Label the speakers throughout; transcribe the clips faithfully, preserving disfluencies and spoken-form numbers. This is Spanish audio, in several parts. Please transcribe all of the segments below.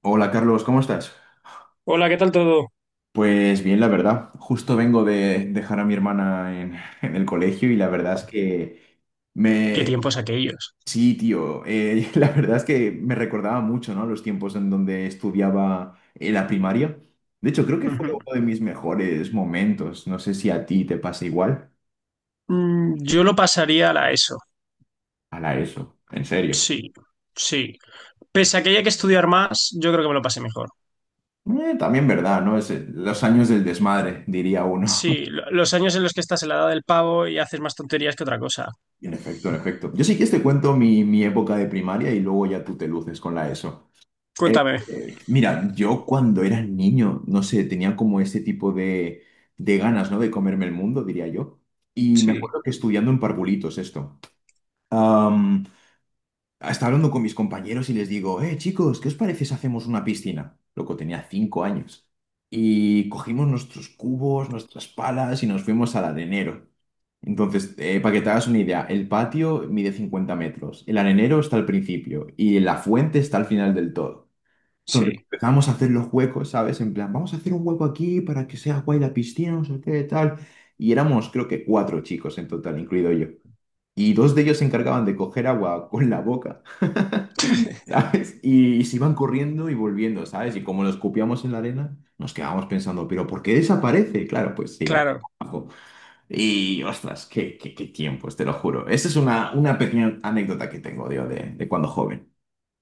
Speaker 1: Hola Carlos, ¿cómo estás?
Speaker 2: Hola, ¿qué tal todo?
Speaker 1: Pues bien, la verdad. Justo vengo de dejar a mi hermana en, en el colegio y la verdad es que
Speaker 2: ¿Qué
Speaker 1: me...
Speaker 2: tiempos aquellos?
Speaker 1: Sí, tío, eh, la verdad es que me recordaba mucho, ¿no? Los tiempos en donde estudiaba en la primaria. De hecho, creo que fue
Speaker 2: Ujú.
Speaker 1: uno de mis mejores momentos. No sé si a ti te pasa igual.
Speaker 2: Mm, Yo lo pasaría a la E S O.
Speaker 1: A la E S O, en serio.
Speaker 2: Sí, sí. Pese a que haya que estudiar más, yo creo que me lo pasé mejor.
Speaker 1: Eh, también verdad, ¿no? Es eh, los años del desmadre, diría uno.
Speaker 2: Sí, lo- los años en los que estás en la edad del pavo y haces más tonterías que otra cosa.
Speaker 1: En efecto, en efecto. Yo sí que te cuento mi, mi época de primaria y luego ya tú te luces con la E S O. Eh,
Speaker 2: Cuéntame.
Speaker 1: eh, mira, yo cuando era niño, no sé, tenía como ese tipo de, de ganas, ¿no? De comerme el mundo, diría yo. Y me
Speaker 2: Sí,
Speaker 1: acuerdo que estudiando en Parvulitos esto, am, estaba hablando con mis compañeros y les digo, eh, chicos, ¿qué os parece si hacemos una piscina? Loco, tenía cinco años. Y cogimos nuestros cubos, nuestras palas y nos fuimos al arenero. Entonces, eh, para que te hagas una idea, el patio mide cincuenta metros, el arenero está al principio y la fuente está al final del todo. Entonces
Speaker 2: sí,
Speaker 1: empezamos a hacer los huecos, ¿sabes? En plan, vamos a hacer un hueco aquí para que sea guay la piscina, no sé qué, tal. Y éramos, creo que cuatro chicos en total, incluido yo. Y dos de ellos se encargaban de coger agua con la boca, ¿sabes? Y, se iban corriendo y volviendo, ¿sabes? Y como lo escupíamos en la arena, nos quedábamos pensando, ¿pero por qué desaparece? Claro, pues se iba
Speaker 2: claro.
Speaker 1: abajo. Y ostras, qué, qué, qué tiempos, te lo juro. Esa es una, una pequeña anécdota que tengo, digo, de, de cuando joven.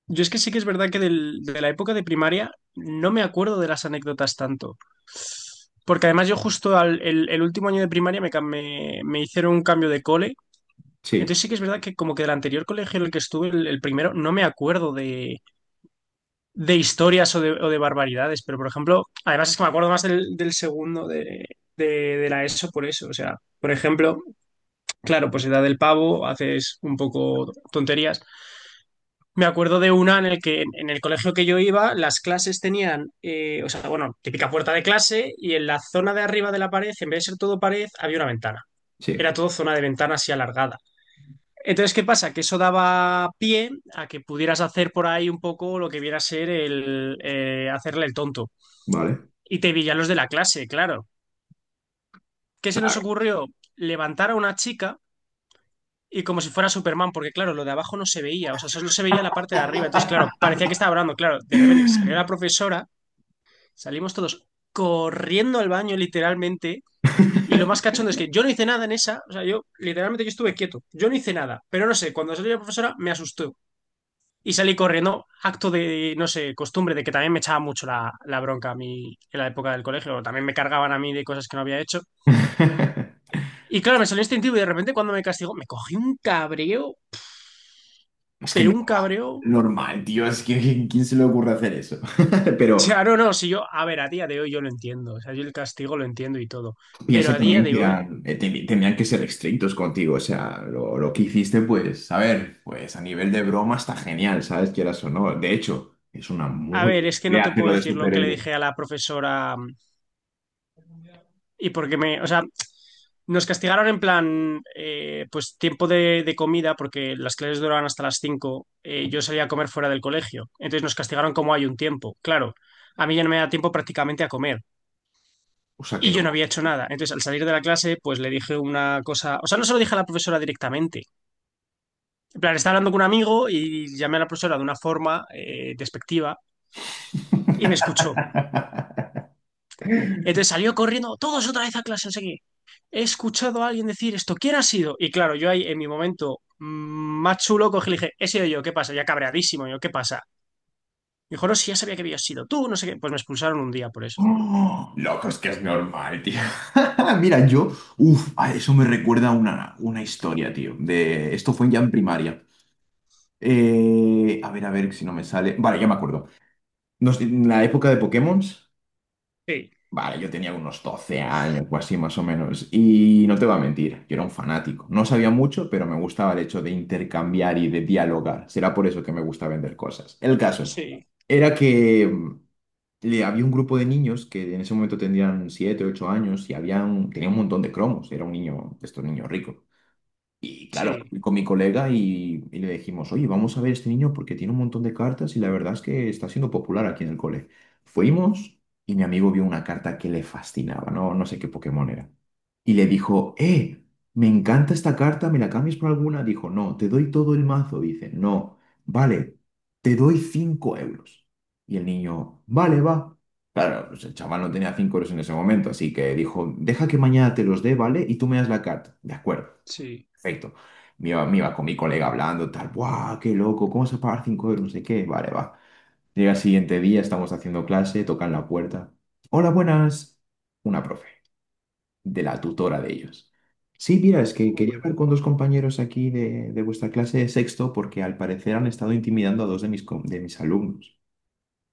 Speaker 2: Yo es que sí que es verdad que del- de la época de primaria no me acuerdo de las anécdotas tanto. Porque además yo justo al, el, el último año de primaria me, cam- me, me hicieron un cambio de cole. Entonces
Speaker 1: Sí,
Speaker 2: sí que es verdad que como que del anterior colegio en el que estuve, el, el primero, no me acuerdo de, de historias o de, o de barbaridades, pero por ejemplo, además es que me acuerdo más del, del segundo de, de, de la E S O por eso, o sea, por ejemplo, claro, pues edad del pavo, haces un poco tonterías. Me acuerdo de una en el que en el colegio que yo iba, las clases tenían, eh, o sea, bueno, típica puerta de clase y en la zona de arriba de la pared, en vez de ser todo pared, había una ventana.
Speaker 1: sí,
Speaker 2: Era todo zona de ventana así alargada. Entonces, ¿qué pasa? Que eso daba pie a que pudieras hacer por ahí un poco lo que viera a ser el eh, hacerle el tonto.
Speaker 1: vale. O
Speaker 2: Y te pillan los de la clase, claro. ¿Qué se nos
Speaker 1: sea,
Speaker 2: ocurrió? Levantar a una chica y como si fuera Superman, porque claro, lo de abajo no se veía, o sea, solo se veía la parte de arriba. Entonces, claro, parecía que estaba hablando, claro. De repente salió la profesora, salimos todos corriendo al baño literalmente. Y lo más cachondo es que yo no hice nada en esa, o sea, yo literalmente yo estuve quieto, yo no hice nada, pero no sé, cuando salió la profesora me asustó. Y salí corriendo, acto de, no sé, costumbre, de que también me echaba mucho la, la bronca a mí en la época del colegio, también me cargaban a mí de cosas que no había hecho. Y claro, me salió instintivo y de repente cuando me castigó, me cogí un cabreo,
Speaker 1: Es que
Speaker 2: pero
Speaker 1: no,
Speaker 2: un cabreo.
Speaker 1: normal, tío, es que ¿quién quién se le ocurre hacer eso? Pero
Speaker 2: Ya, no, no, si yo, a ver, a día de hoy yo lo entiendo, o sea, yo el castigo lo entiendo y todo, pero
Speaker 1: piensa
Speaker 2: a día
Speaker 1: también
Speaker 2: de
Speaker 1: que
Speaker 2: hoy,
Speaker 1: eran, eh, te- tenían que ser estrictos contigo, o sea, lo, lo que hiciste, pues, a ver, pues a nivel de broma está genial, ¿sabes? Quieras o no. De hecho, es una
Speaker 2: a
Speaker 1: muy
Speaker 2: ver,
Speaker 1: buena
Speaker 2: es que no
Speaker 1: idea
Speaker 2: te puedo
Speaker 1: hacerlo de
Speaker 2: decir lo que le
Speaker 1: superhéroe,
Speaker 2: dije a la profesora. mm, Y porque me, o sea, nos castigaron en plan, eh, pues tiempo de, de comida, porque las clases duraban hasta las cinco. Eh, yo salía a comer fuera del colegio. Entonces nos castigaron como hay un tiempo. Claro, a mí ya no me da tiempo prácticamente a comer.
Speaker 1: o sea que
Speaker 2: Y yo no
Speaker 1: no.
Speaker 2: había hecho nada. Entonces, al salir de la clase, pues le dije una cosa. O sea, no se lo dije a la profesora directamente. En plan, estaba hablando con un amigo y llamé a la profesora de una forma eh, despectiva y me escuchó. Entonces salió corriendo, todos otra vez a clase, no sé qué. He escuchado a alguien decir esto, ¿quién ha sido? Y claro, yo ahí en mi momento mm, más chulo cogí y le dije, he sido yo, ¿qué pasa? Ya cabreadísimo, yo, ¿qué pasa? Me dijo, no, si ya sabía que habías sido tú, no sé qué. Pues me expulsaron un día por eso.
Speaker 1: Oh, loco, es que es normal, tío. Mira, yo, uff, eso me recuerda a una, una historia, tío, de, esto fue ya en primaria. Eh, a ver, a ver si no me sale. Vale, ya me acuerdo. Nos- en la época de Pokémon,
Speaker 2: Sí,
Speaker 1: vale, yo tenía unos doce años o así más o menos. Y no te voy a mentir, yo era un fanático. No sabía mucho, pero me gustaba el hecho de intercambiar y de dialogar. Será por eso que me gusta vender cosas. El caso
Speaker 2: sí,
Speaker 1: era que mm, le- había un grupo de niños que en ese momento tendrían siete, ocho años y habían, tenía un montón de cromos. Era un niño, de estos niños ricos. Y claro,
Speaker 2: sí,
Speaker 1: fui con mi colega y, y le dijimos, oye, vamos a ver este niño porque tiene un montón de cartas y la verdad es que está siendo popular aquí en el cole. Fuimos y mi amigo vio una carta que le fascinaba, no, no sé qué Pokémon era. Y le dijo, eh, me encanta esta carta, ¿me la cambias por alguna? Dijo, no, te doy todo el mazo. Dice, no, vale, te doy cinco euros. Y el niño, vale, va. Claro, pues el chaval no tenía cinco euros en ese momento, así que dijo, deja que mañana te los dé, ¿vale? Y tú me das la carta. De acuerdo.
Speaker 2: sí.
Speaker 1: Perfecto. Me iba, me iba con mi colega hablando, tal, ¡guau! ¡Qué loco! ¿Cómo se pagar cinco euros? No sé qué. Vale, va. Llega el siguiente día, estamos haciendo clase, tocan la puerta. Hola, buenas. Una profe, de la tutora de ellos. Sí, mira, es que quería
Speaker 2: Uy,
Speaker 1: hablar con dos compañeros aquí de, de vuestra clase de sexto porque al parecer han estado intimidando a dos de mis, com- de mis alumnos.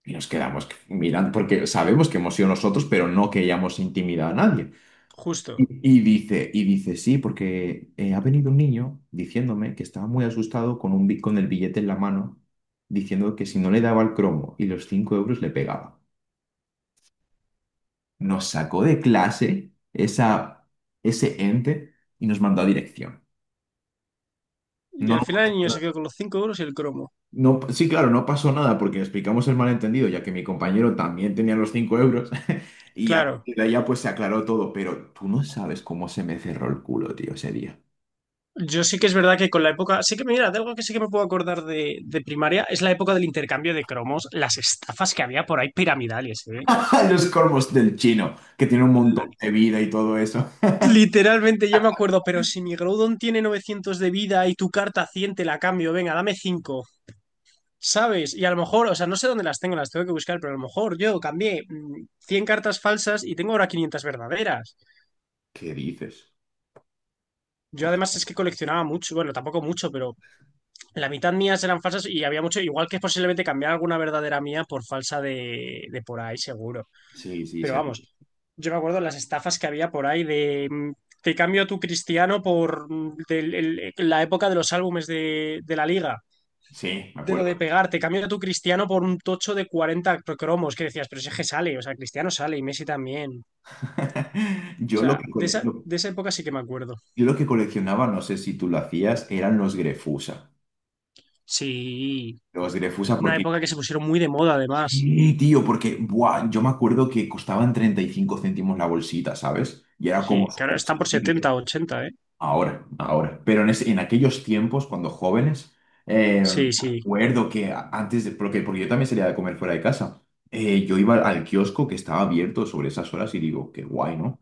Speaker 1: Y nos quedamos mirando porque sabemos que hemos sido nosotros, pero no queríamos intimidar a nadie.
Speaker 2: justo.
Speaker 1: Y, y dice, y dice, sí, porque eh, ha venido un niño diciéndome que estaba muy asustado con, un, bi- con el billete en la mano, diciendo que si no le daba el cromo y los cinco euros le pegaba. Nos sacó de clase esa, ese ente y nos mandó a dirección.
Speaker 2: ¿Y
Speaker 1: No,
Speaker 2: al
Speaker 1: no
Speaker 2: final el
Speaker 1: pasó
Speaker 2: niño se
Speaker 1: nada.
Speaker 2: quedó con los cinco euros y el cromo?
Speaker 1: No- sí, claro, no pasó nada porque explicamos el malentendido, ya que mi compañero también tenía los cinco euros y a
Speaker 2: Claro.
Speaker 1: partir de allá pues se aclaró todo, pero tú no sabes cómo se me cerró el culo, tío, ese día.
Speaker 2: Yo sí que es verdad que con la época, sí que mira, de algo que sí que me puedo acordar de, de primaria es la época del intercambio de cromos, las estafas que había por ahí piramidales,
Speaker 1: A los corvos del chino, que tiene un montón
Speaker 2: ¿eh?
Speaker 1: de vida y todo eso.
Speaker 2: Literalmente, yo me acuerdo, pero si mi Groudon tiene novecientos de vida y tu carta cien te la cambio, venga, dame cinco. ¿Sabes? Y a lo mejor, o sea, no sé dónde las tengo, las tengo que buscar, pero a lo mejor yo cambié mm, cien cartas falsas y tengo ahora quinientas verdaderas.
Speaker 1: ¿Qué dices?
Speaker 2: Yo además
Speaker 1: Hostia.
Speaker 2: es que coleccionaba mucho, bueno, tampoco mucho, pero la mitad mías eran falsas y había mucho, igual que posiblemente cambiar alguna verdadera mía por falsa de, de por ahí, seguro.
Speaker 1: Sí, sí,
Speaker 2: Pero
Speaker 1: sí,
Speaker 2: vamos, yo me acuerdo las estafas que había por ahí de mm, te cambio tu Cristiano por mm, del- el- la época de los álbumes de, de la liga.
Speaker 1: sí, me
Speaker 2: De lo
Speaker 1: acuerdo.
Speaker 2: de pegar, te cambio tu Cristiano por un tocho de cuarenta cromos que decías, pero ese que sale, o sea, Cristiano sale y Messi también. O
Speaker 1: Yo lo
Speaker 2: sea,
Speaker 1: que
Speaker 2: de
Speaker 1: cole-
Speaker 2: esa,
Speaker 1: lo-
Speaker 2: de esa época sí que me acuerdo.
Speaker 1: yo lo que coleccionaba, no sé si tú lo hacías, eran los Grefusa.
Speaker 2: Sí,
Speaker 1: Los Grefusa
Speaker 2: una
Speaker 1: porque...
Speaker 2: época que se pusieron muy de moda además.
Speaker 1: Sí, tío, porque buah, yo me acuerdo que costaban treinta y cinco céntimos la bolsita, ¿sabes? Y era
Speaker 2: Sí,
Speaker 1: como
Speaker 2: que ahora
Speaker 1: súper
Speaker 2: están por
Speaker 1: accesible.
Speaker 2: setenta ochenta, ¿eh?
Speaker 1: Ahora, ahora. Pero en, ese- en aquellos tiempos, cuando jóvenes, eh, me
Speaker 2: Sí, sí,
Speaker 1: acuerdo que a- antes de, porque, porque yo también salía de comer fuera de casa, eh, yo iba al kiosco que estaba abierto sobre esas horas y digo, qué guay, ¿no?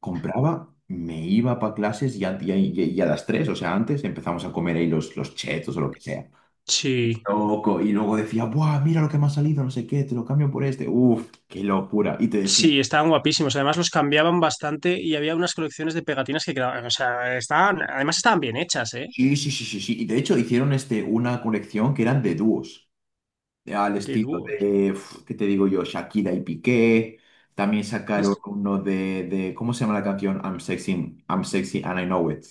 Speaker 1: Compraba, me iba para clases y a, y a- y a las tres, o sea, antes empezamos a comer ahí los, los chetos o lo que sea.
Speaker 2: sí.
Speaker 1: Loco, y luego decía, ¡buah, mira lo que me ha salido, no sé qué, te lo cambio por este! ¡Uf, qué locura! Y te decían,
Speaker 2: Sí, estaban guapísimos. Además los cambiaban bastante y había unas colecciones de pegatinas que quedaban, o sea, estaban, además estaban bien hechas, ¿eh?
Speaker 1: sí, sí, sí, sí, sí. Y de hecho hicieron este, una colección que eran de dúos. Eh, al
Speaker 2: De
Speaker 1: estilo
Speaker 2: dúos.
Speaker 1: de, uf, ¿qué te digo yo? Shakira y Piqué. También sacaron
Speaker 2: Es-
Speaker 1: uno de, de- ¿cómo se llama la canción? I'm sexy, I'm sexy and I know it.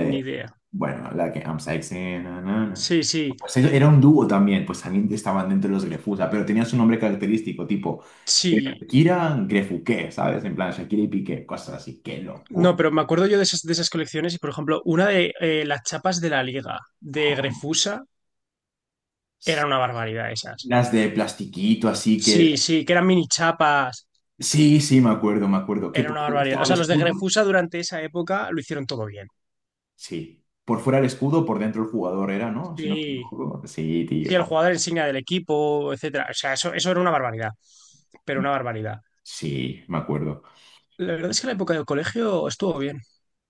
Speaker 2: Ni idea.
Speaker 1: bueno, la que I'm sexy. Na, na, na.
Speaker 2: Sí, sí,
Speaker 1: Pues ellos- era un dúo también, pues también estaban dentro de los Grefusa, pero tenían su nombre característico, tipo
Speaker 2: sí.
Speaker 1: Shakira Grefuqué, ¿sabes? En plan Shakira y Piqué, cosas así, qué
Speaker 2: No,
Speaker 1: locura.
Speaker 2: pero me acuerdo yo de esas, de esas colecciones y, por ejemplo, una de eh, las chapas de la Liga de Grefusa, era una barbaridad esas.
Speaker 1: Las de plastiquito, así que...
Speaker 2: Sí, sí, que eran mini chapas.
Speaker 1: Sí, sí, me acuerdo, me acuerdo. Que
Speaker 2: Era
Speaker 1: por
Speaker 2: una
Speaker 1: fuera
Speaker 2: barbaridad. O
Speaker 1: estaba el
Speaker 2: sea, los de
Speaker 1: escudo.
Speaker 2: Grefusa durante esa época lo hicieron todo bien.
Speaker 1: Sí. Por fuera el escudo, por dentro el jugador era, ¿no? Si no me
Speaker 2: Sí,
Speaker 1: equivoco. Sí,
Speaker 2: sí, el
Speaker 1: tío.
Speaker 2: jugador insignia del equipo, etcétera. O sea, eso, eso era una barbaridad, pero una barbaridad.
Speaker 1: Sí, me acuerdo.
Speaker 2: La verdad es que la época del colegio estuvo bien.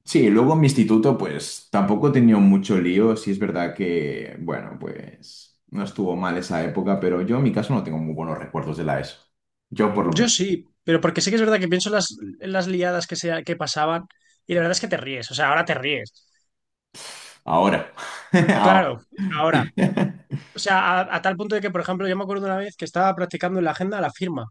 Speaker 1: Sí, luego en mi instituto, pues tampoco he tenido mucho lío. Sí, es verdad que, bueno, pues no estuvo mal esa época, pero yo en mi caso no tengo muy buenos recuerdos de la E S O. Yo por lo
Speaker 2: Yo
Speaker 1: menos.
Speaker 2: sí, pero porque sí que es verdad que pienso en las, en las liadas que, se, que pasaban y la verdad es que te ríes, o sea, ahora te ríes.
Speaker 1: Ahora.
Speaker 2: Claro,
Speaker 1: Ahora.
Speaker 2: ahora. O sea, a, a tal punto de que, por ejemplo, yo me acuerdo una vez que estaba practicando en la agenda la firma.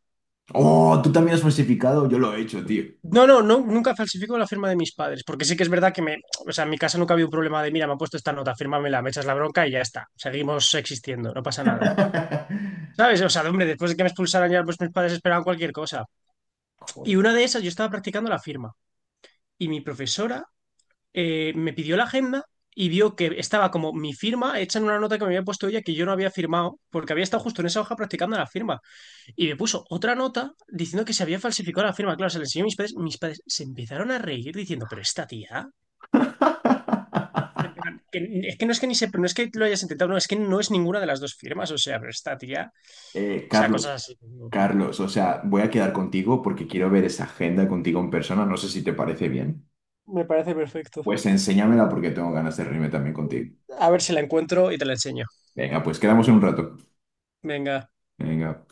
Speaker 1: Oh, tú también has falsificado. Yo lo he hecho, tío.
Speaker 2: No, no, no, nunca falsifico la firma de mis padres, porque sí que es verdad que me, o sea, en mi casa nunca había un problema de, mira, me han puesto esta nota, fírmamela, me echas la bronca y ya está, seguimos existiendo, no pasa nada. ¿Sabes? O sea, hombre, después de que me expulsaran ya, pues mis padres esperaban cualquier cosa. Y
Speaker 1: Joder.
Speaker 2: una de esas, yo estaba practicando la firma y mi profesora eh, me pidió la agenda y vio que estaba como mi firma hecha en una nota que me había puesto ella que yo no había firmado porque había estado justo en esa hoja practicando la firma. Y me puso otra nota diciendo que se había falsificado la firma. Claro, se la enseñó a mis padres. Mis padres se empezaron a reír diciendo, pero esta tía, en plan, que- es que no es que ni se, no es que lo hayas intentado, no, es que no es ninguna de las dos firmas. O sea, pero esta tía,
Speaker 1: Eh,
Speaker 2: o sea, cosas
Speaker 1: Carlos.
Speaker 2: así.
Speaker 1: Carlos, o sea, voy a quedar contigo porque quiero ver esa agenda contigo en persona. No sé si te parece bien.
Speaker 2: Me parece perfecto.
Speaker 1: Pues enséñamela porque tengo ganas de reunirme también contigo.
Speaker 2: A ver si la encuentro y te la enseño.
Speaker 1: Venga, pues quedamos en un rato.
Speaker 2: Venga.
Speaker 1: Venga.